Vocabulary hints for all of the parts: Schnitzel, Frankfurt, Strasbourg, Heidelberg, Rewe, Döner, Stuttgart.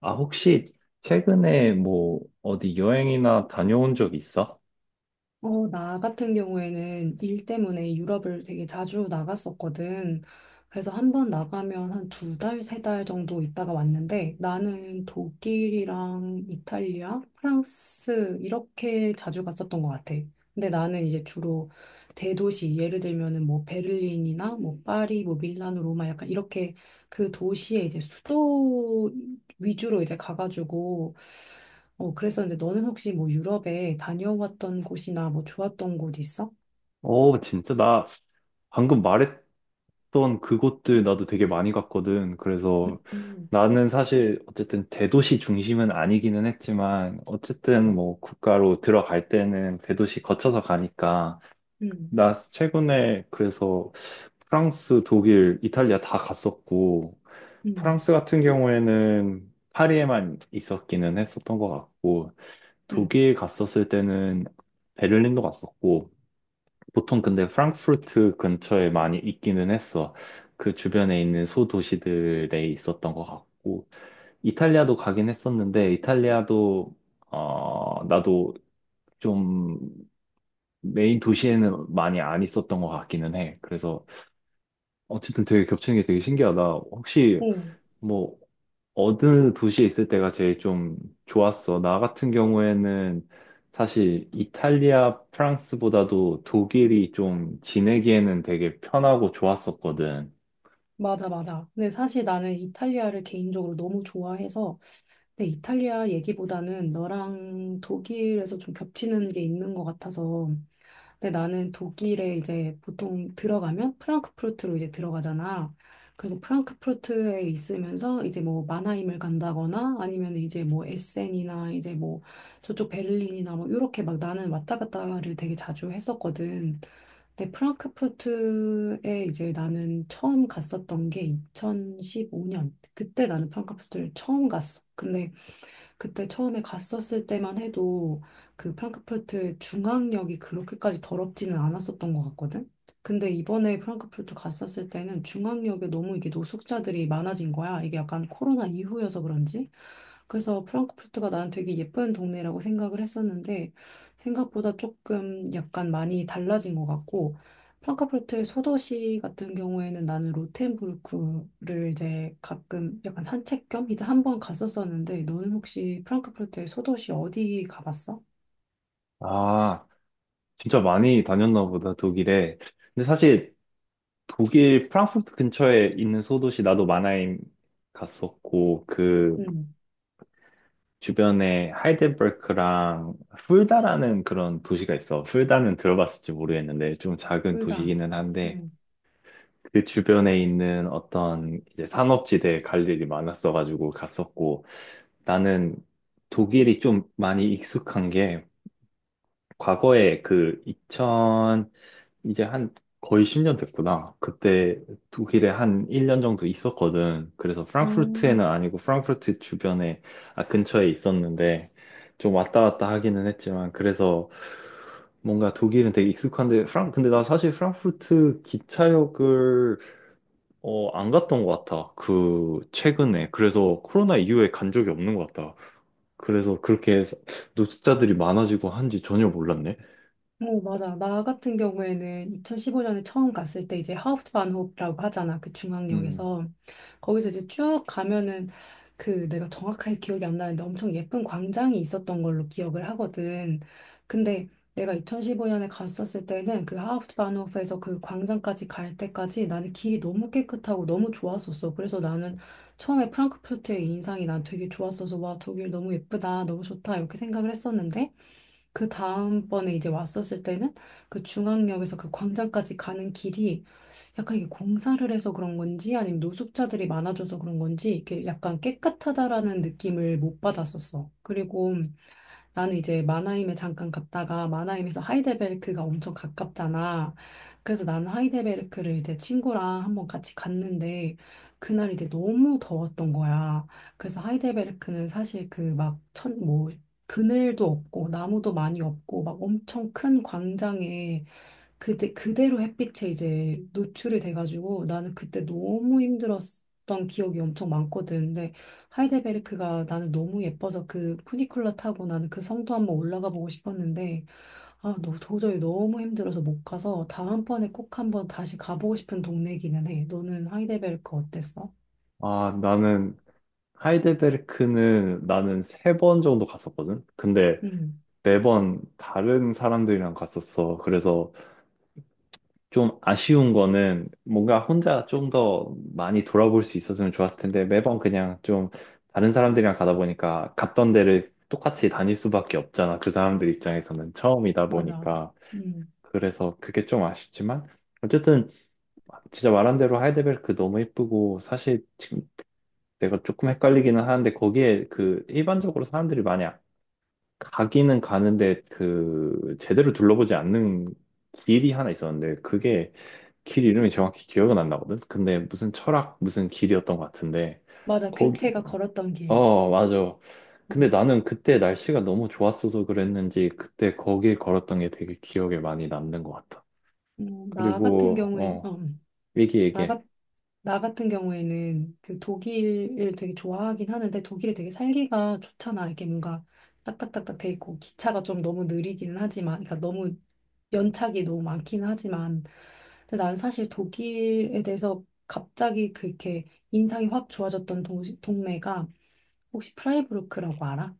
아, 혹시 최근에 뭐 어디 여행이나 다녀온 적 있어? 어, 나 같은 경우에는 일 때문에 유럽을 되게 자주 나갔었거든. 그래서 한번 나가면 한 두 달, 세 달 정도 있다가 왔는데 나는 독일이랑 이탈리아, 프랑스 이렇게 자주 갔었던 것 같아. 근데 나는 이제 주로 대도시, 예를 들면은 뭐 베를린이나 뭐 파리, 뭐 밀라노, 로마 약간 이렇게 그 도시의 이제 수도 위주로 이제 가가지고 그랬었는데 너는 혹시 뭐 유럽에 다녀왔던 곳이나 뭐 좋았던 곳 있어? 어, 진짜 나 방금 말했던 그곳들 나도 되게 많이 갔거든. 그래서 음. 나는 사실 어쨌든 대도시 중심은 아니기는 했지만 어쨌든 뭐 국가로 들어갈 때는 대도시 거쳐서 가니까 음, 나 최근에 그래서 프랑스, 독일, 이탈리아 다 갔었고, 음, 프랑스 같은 경우에는 파리에만 있었기는 했었던 것 같고, 음. 독일 갔었을 때는 베를린도 갔었고, 보통 근데 프랑크푸르트 근처에 많이 있기는 했어. 그 주변에 있는 소도시들에 있었던 것 같고, 이탈리아도 가긴 했었는데, 이탈리아도, 나도 좀 메인 도시에는 많이 안 있었던 것 같기는 해. 그래서 어쨌든 되게 겹치는 게 되게 신기하다. 혹시 오, 뭐 어느 도시에 있을 때가 제일 좀 좋았어? 나 같은 경우에는 사실 이탈리아, 프랑스보다도 독일이 좀 지내기에는 되게 편하고 좋았었거든. 맞아, 맞아. 근데 사실 나는 이탈리아를 개인적으로 너무 좋아해서, 근데 이탈리아 얘기보다는 너랑 독일에서 좀 겹치는 게 있는 것 같아서, 근데 나는 독일에 이제 보통 들어가면 프랑크푸르트로 이제 들어가잖아. 그래서 프랑크푸르트에 있으면서 이제 뭐 마나임을 간다거나 아니면 이제 뭐 에센이나 이제 뭐 저쪽 베를린이나 뭐 이렇게 막 나는 왔다 갔다를 되게 자주 했었거든. 근데 프랑크푸르트에 이제 나는 처음 갔었던 게 2015년. 그때 나는 프랑크푸르트를 처음 갔어. 근데 그때 처음에 갔었을 때만 해도 그 프랑크푸르트 중앙역이 그렇게까지 더럽지는 않았었던 것 같거든? 근데 이번에 프랑크푸르트 갔었을 때는 중앙역에 너무 이게 노숙자들이 많아진 거야. 이게 약간 코로나 이후여서 그런지. 그래서 프랑크푸르트가 난 되게 예쁜 동네라고 생각을 했었는데 생각보다 조금 약간 많이 달라진 것 같고 프랑크푸르트의 소도시 같은 경우에는 나는 로텐부르크를 이제 가끔 약간 산책 겸 이제 한 번 갔었었는데 너는 혹시 프랑크푸르트의 소도시 어디 가봤어? 아, 진짜 많이 다녔나 보다, 독일에. 근데 사실 독일 프랑크푸르트 근처에 있는 소도시 나도 마나임 갔었고, 그 응, 주변에 하이델베르크랑 풀다라는 그런 도시가 있어. 풀다는 들어봤을지 모르겠는데 좀 작은 둘 다. 도시기는 한데 응. 그 주변에 있는 어떤 이제 상업지대에 갈 일이 많았어가지고 갔었고, 나는 독일이 좀 많이 익숙한 게 과거에 그 2000, 이제 한 거의 10년 됐구나. 그때 독일에 한 1년 정도 있었거든. 그래서 어, 프랑크푸르트에는 아니고 프랑크푸르트 주변에, 아, 근처에 있었는데 좀 왔다 갔다 하기는 했지만 그래서 뭔가 독일은 되게 익숙한데 프랑 근데 나 사실 프랑크푸르트 기차역을 안 갔던 것 같아. 그, 최근에. 그래서 코로나 이후에 간 적이 없는 것 같다. 그래서 그렇게 해서 노숙자들이 많아지고 한지 전혀 몰랐네. 어, 맞아. 나 같은 경우에는 2015년에 처음 갔을 때 이제 하우프트반호프라고 하잖아. 그 음. 중앙역에서. 거기서 이제 쭉 가면은 그 내가 정확하게 기억이 안 나는데 엄청 예쁜 광장이 있었던 걸로 기억을 하거든. 근데 내가 2015년에 갔었을 때는 그 하프트바노프에서 그 광장까지 갈 때까지 나는 길이 너무 깨끗하고 너무 좋았었어. 그래서 나는 처음에 프랑크푸르트의 인상이 난 되게 좋았어서 와, 독일 너무 예쁘다, 너무 좋다 이렇게 생각을 했었는데 그 다음번에 이제 왔었을 때는 그 중앙역에서 그 광장까지 가는 길이 약간 이게 공사를 해서 그런 건지 아니면 노숙자들이 많아져서 그런 건지 이렇게 약간 깨끗하다라는 느낌을 못 받았었어. 그리고 나는 이제 마나임에 잠깐 갔다가 마나임에서 하이델베르크가 엄청 가깝잖아. 그래서 나는 하이델베르크를 이제 친구랑 한번 같이 갔는데 그날 이제 너무 더웠던 거야. 그래서 하이델베르크는 사실 그 막 천 뭐 그늘도 없고 나무도 많이 없고 막 엄청 큰 광장에 그대로 햇빛에 이제 노출이 돼가지고 나는 그때 너무 힘들었던 기억이 엄청 많거든. 근데 하이델베르크가 나는 너무 예뻐서 그 푸니쿨러 타고 나는 그 성도 한번 올라가 보고 싶었는데 아, 너, 도저히 너무 힘들어서 못 가서 다음번에 꼭 한번 다시 가보고 싶은 동네기는 해. 너는 하이델베르크 어땠어? 아, 하이델베르크는 나는 3번 정도 갔었거든? 근데 응, 매번 다른 사람들이랑 갔었어. 그래서 좀 아쉬운 거는 뭔가 혼자 좀 더 많이 돌아볼 수 있었으면 좋았을 텐데 매번 그냥 좀 다른 사람들이랑 가다 보니까 갔던 데를 똑같이 다닐 수밖에 없잖아. 그 사람들 입장에서는 처음이다 맞아. 보니까. 응, 그래서 그게 좀 아쉽지만 어쨌든 진짜 말한 대로 하이데베르크 너무 예쁘고 사실 지금 내가 조금 헷갈리기는 하는데 거기에 그 일반적으로 사람들이 많이 가기는 가는데 그 제대로 둘러보지 않는 길이 하나 있었는데 그게 길 이름이 정확히 기억은 안 나거든? 근데 무슨 철학, 무슨 길이었던 것 같은데, 맞아. 거기, 괴테가 걸었던 길. 맞아. 근데 응, 나는 그때 날씨가 너무 좋았어서 그랬는지, 그때 거길 걸었던 게 되게 기억에 많이 남는 것 같아. 나 같은 그리고, 경우엔, 어, 얘기, 나 얘기. 같은 나 같은 경우에는 그 독일을 되게 좋아하긴 하는데 독일이 되게 살기가 좋잖아. 이게 뭔가 딱딱딱딱 돼 있고 기차가 좀 너무 느리기는 하지만 그러니까 너무 연착이 너무 많긴 하지만 근데 난 사실 독일에 대해서 갑자기 그렇게 인상이 확 좋아졌던 도시, 동네가 혹시 프라이부르크라고 알아?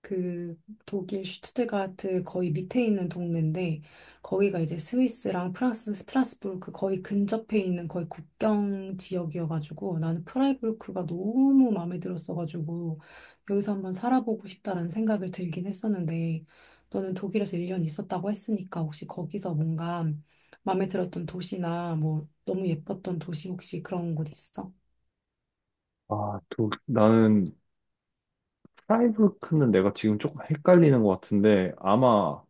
그 독일 슈투트가르트 거의 밑에 있는 동네인데 거기가 이제 스위스랑 프랑스 스트라스부르크 거의 근접해 있는 거의 국경 지역이어가지고 나는 프라이부르크가 너무 마음에 들었어가지고 여기서 한번 살아보고 싶다라는 생각을 들긴 했었는데 너는 독일에서 1년 있었다고 했으니까 혹시 거기서 뭔가 마음에 들었던 도시나 뭐 너무 예뻤던 도시 혹시 그런 곳 있어? 아, 또, 프라이브르크는 내가 지금 조금 헷갈리는 것 같은데, 아마,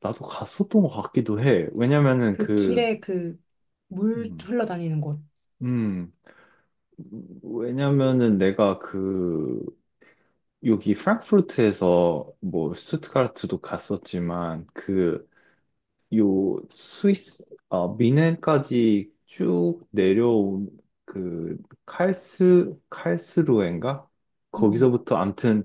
나도 갔었던 것 같기도 해. 그 길에 그 물 음, 흘러다니는 곳. 음, 왜냐면은 내가 그, 여기 프랑크푸르트에서 뭐 슈투트가르트도 갔었지만 그 요 스위스 아 미넨까지 쭉 내려온 그 칼스루엔가 음. 거기서부터 암튼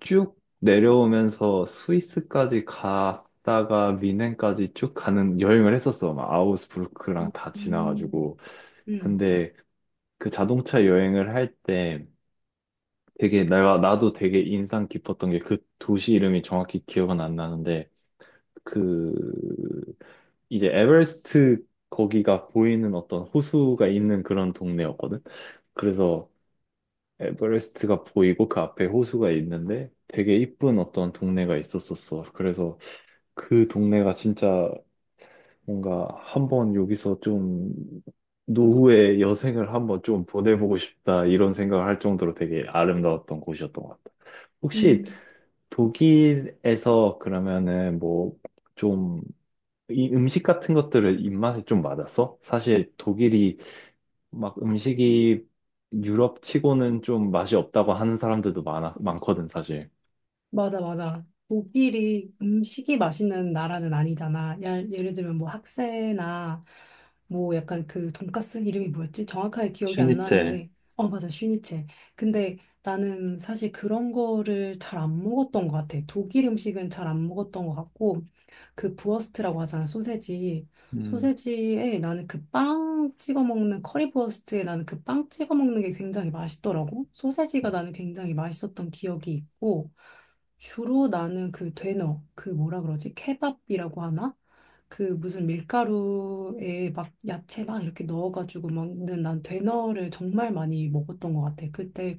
쭉 내려오면서 스위스까지 갔다가 미넨까지 쭉 가는 여행을 했었어. 막 아우스부르크랑 다 음. 지나가지고. 음. 근데 그 자동차 여행을 할때 되게 내가 나도 되게 인상 깊었던 게 그 도시 이름이 정확히 기억은 안 나는데 그 이제 에베레스트 거기가 보이는 어떤 호수가 있는 그런 동네였거든. 그래서 에베레스트가 보이고 그 앞에 호수가 있는데 되게 이쁜 어떤 동네가 있었었어. 그래서 그 동네가 진짜 뭔가 한번 여기서 좀 노후의 여생을 한번 좀 보내보고 싶다 이런 생각을 할 정도로 되게 아름다웠던 곳이었던 것 같아. 혹시 음. 독일에서 그러면은 뭐 좀 이 음식 같은 것들을 입맛에 좀 맞았어? 사실 독일이 막 음식이 유럽 치고는 좀 맛이 없다고 하는 사람들도 많거든, 사실. 맞아, 맞아. 독일이 음식이 맛있는 나라는 아니잖아. 예를 들면 뭐 학세나 뭐 약간 그 돈가스 이름이 뭐였지? 정확하게 기억이 안 슈니첼. 나는데. 어, 맞아. 슈니체. 근데 나는 사실 그런 거를 잘 안 먹었던 것 같아. 독일 음식은 잘 안 먹었던 것 같고, 그 부어스트라고 하잖아. 소세지. 음. 소세지에 나는 그 빵 찍어 먹는 커리부어스트에 나는 그 빵 찍어 먹는 게 굉장히 맛있더라고. 소세지가 나는 굉장히 맛있었던 기억이 있고, 주로 나는 그 되너, 그 뭐라 그러지? 케밥이라고 하나? 그 무슨 밀가루에 막 야채 막 이렇게 넣어가지고 먹는 난 되너를 정말 많이 먹었던 것 같아. 그때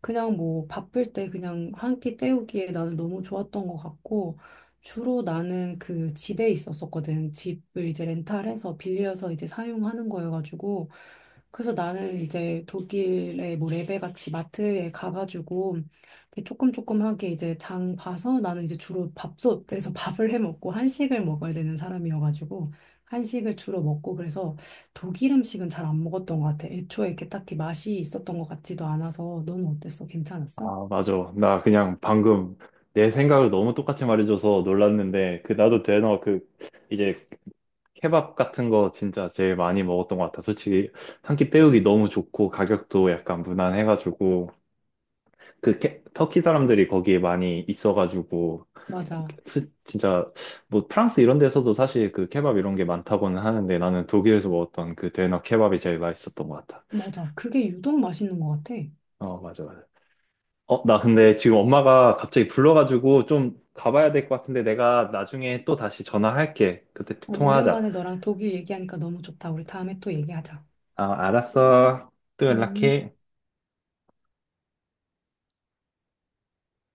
그냥 뭐 바쁠 때 그냥 한 끼 때우기에 나는 너무 좋았던 것 같고 주로 나는 그 집에 있었었거든. 집을 이제 렌탈해서 빌려서 이제 사용하는 거여가지고 그래서 나는 이제 독일의 뭐 레베 같이 마트에 가가지고 이렇게 조금 조금하게 이제 장 봐서 나는 이제 주로 밥솥에서 밥을 해 먹고 한식을 먹어야 되는 사람이어가지고 한식을 주로 먹고 그래서 독일 음식은 잘 안 먹었던 것 같아. 애초에 이렇게 딱히 맛이 있었던 것 같지도 않아서 너는 어땠어? 괜찮았어? 아, 맞아. 나 그냥 방금 내 생각을 너무 똑같이 말해줘서 놀랐는데, 그, 나도 대너 그, 이제 케밥 같은 거 진짜 제일 많이 먹었던 것 같아. 솔직히 한 끼 때우기 너무 좋고, 가격도 약간 무난해가지고, 그 터키 사람들이 거기에 많이 있어가지고 맞아. 진짜 뭐 프랑스 이런 데서도 사실 그 케밥 이런 게 많다고는 하는데 나는 독일에서 먹었던 그 데너 케밥이 제일 맛있었던 것 같아. 맞아. 그게 유독 맛있는 것 같아. 어, 맞아, 맞아. 어, 나 근데 지금 엄마가 갑자기 불러가지고 좀 가봐야 될 것 같은데 내가 나중에 또 다시 전화할게. 그때 또 어, 통화하자. 오랜만에 너랑 독일 얘기하니까 너무 좋다. 우리 다음에 또 얘기하자. 아, 알았어. 또 음. 연락해.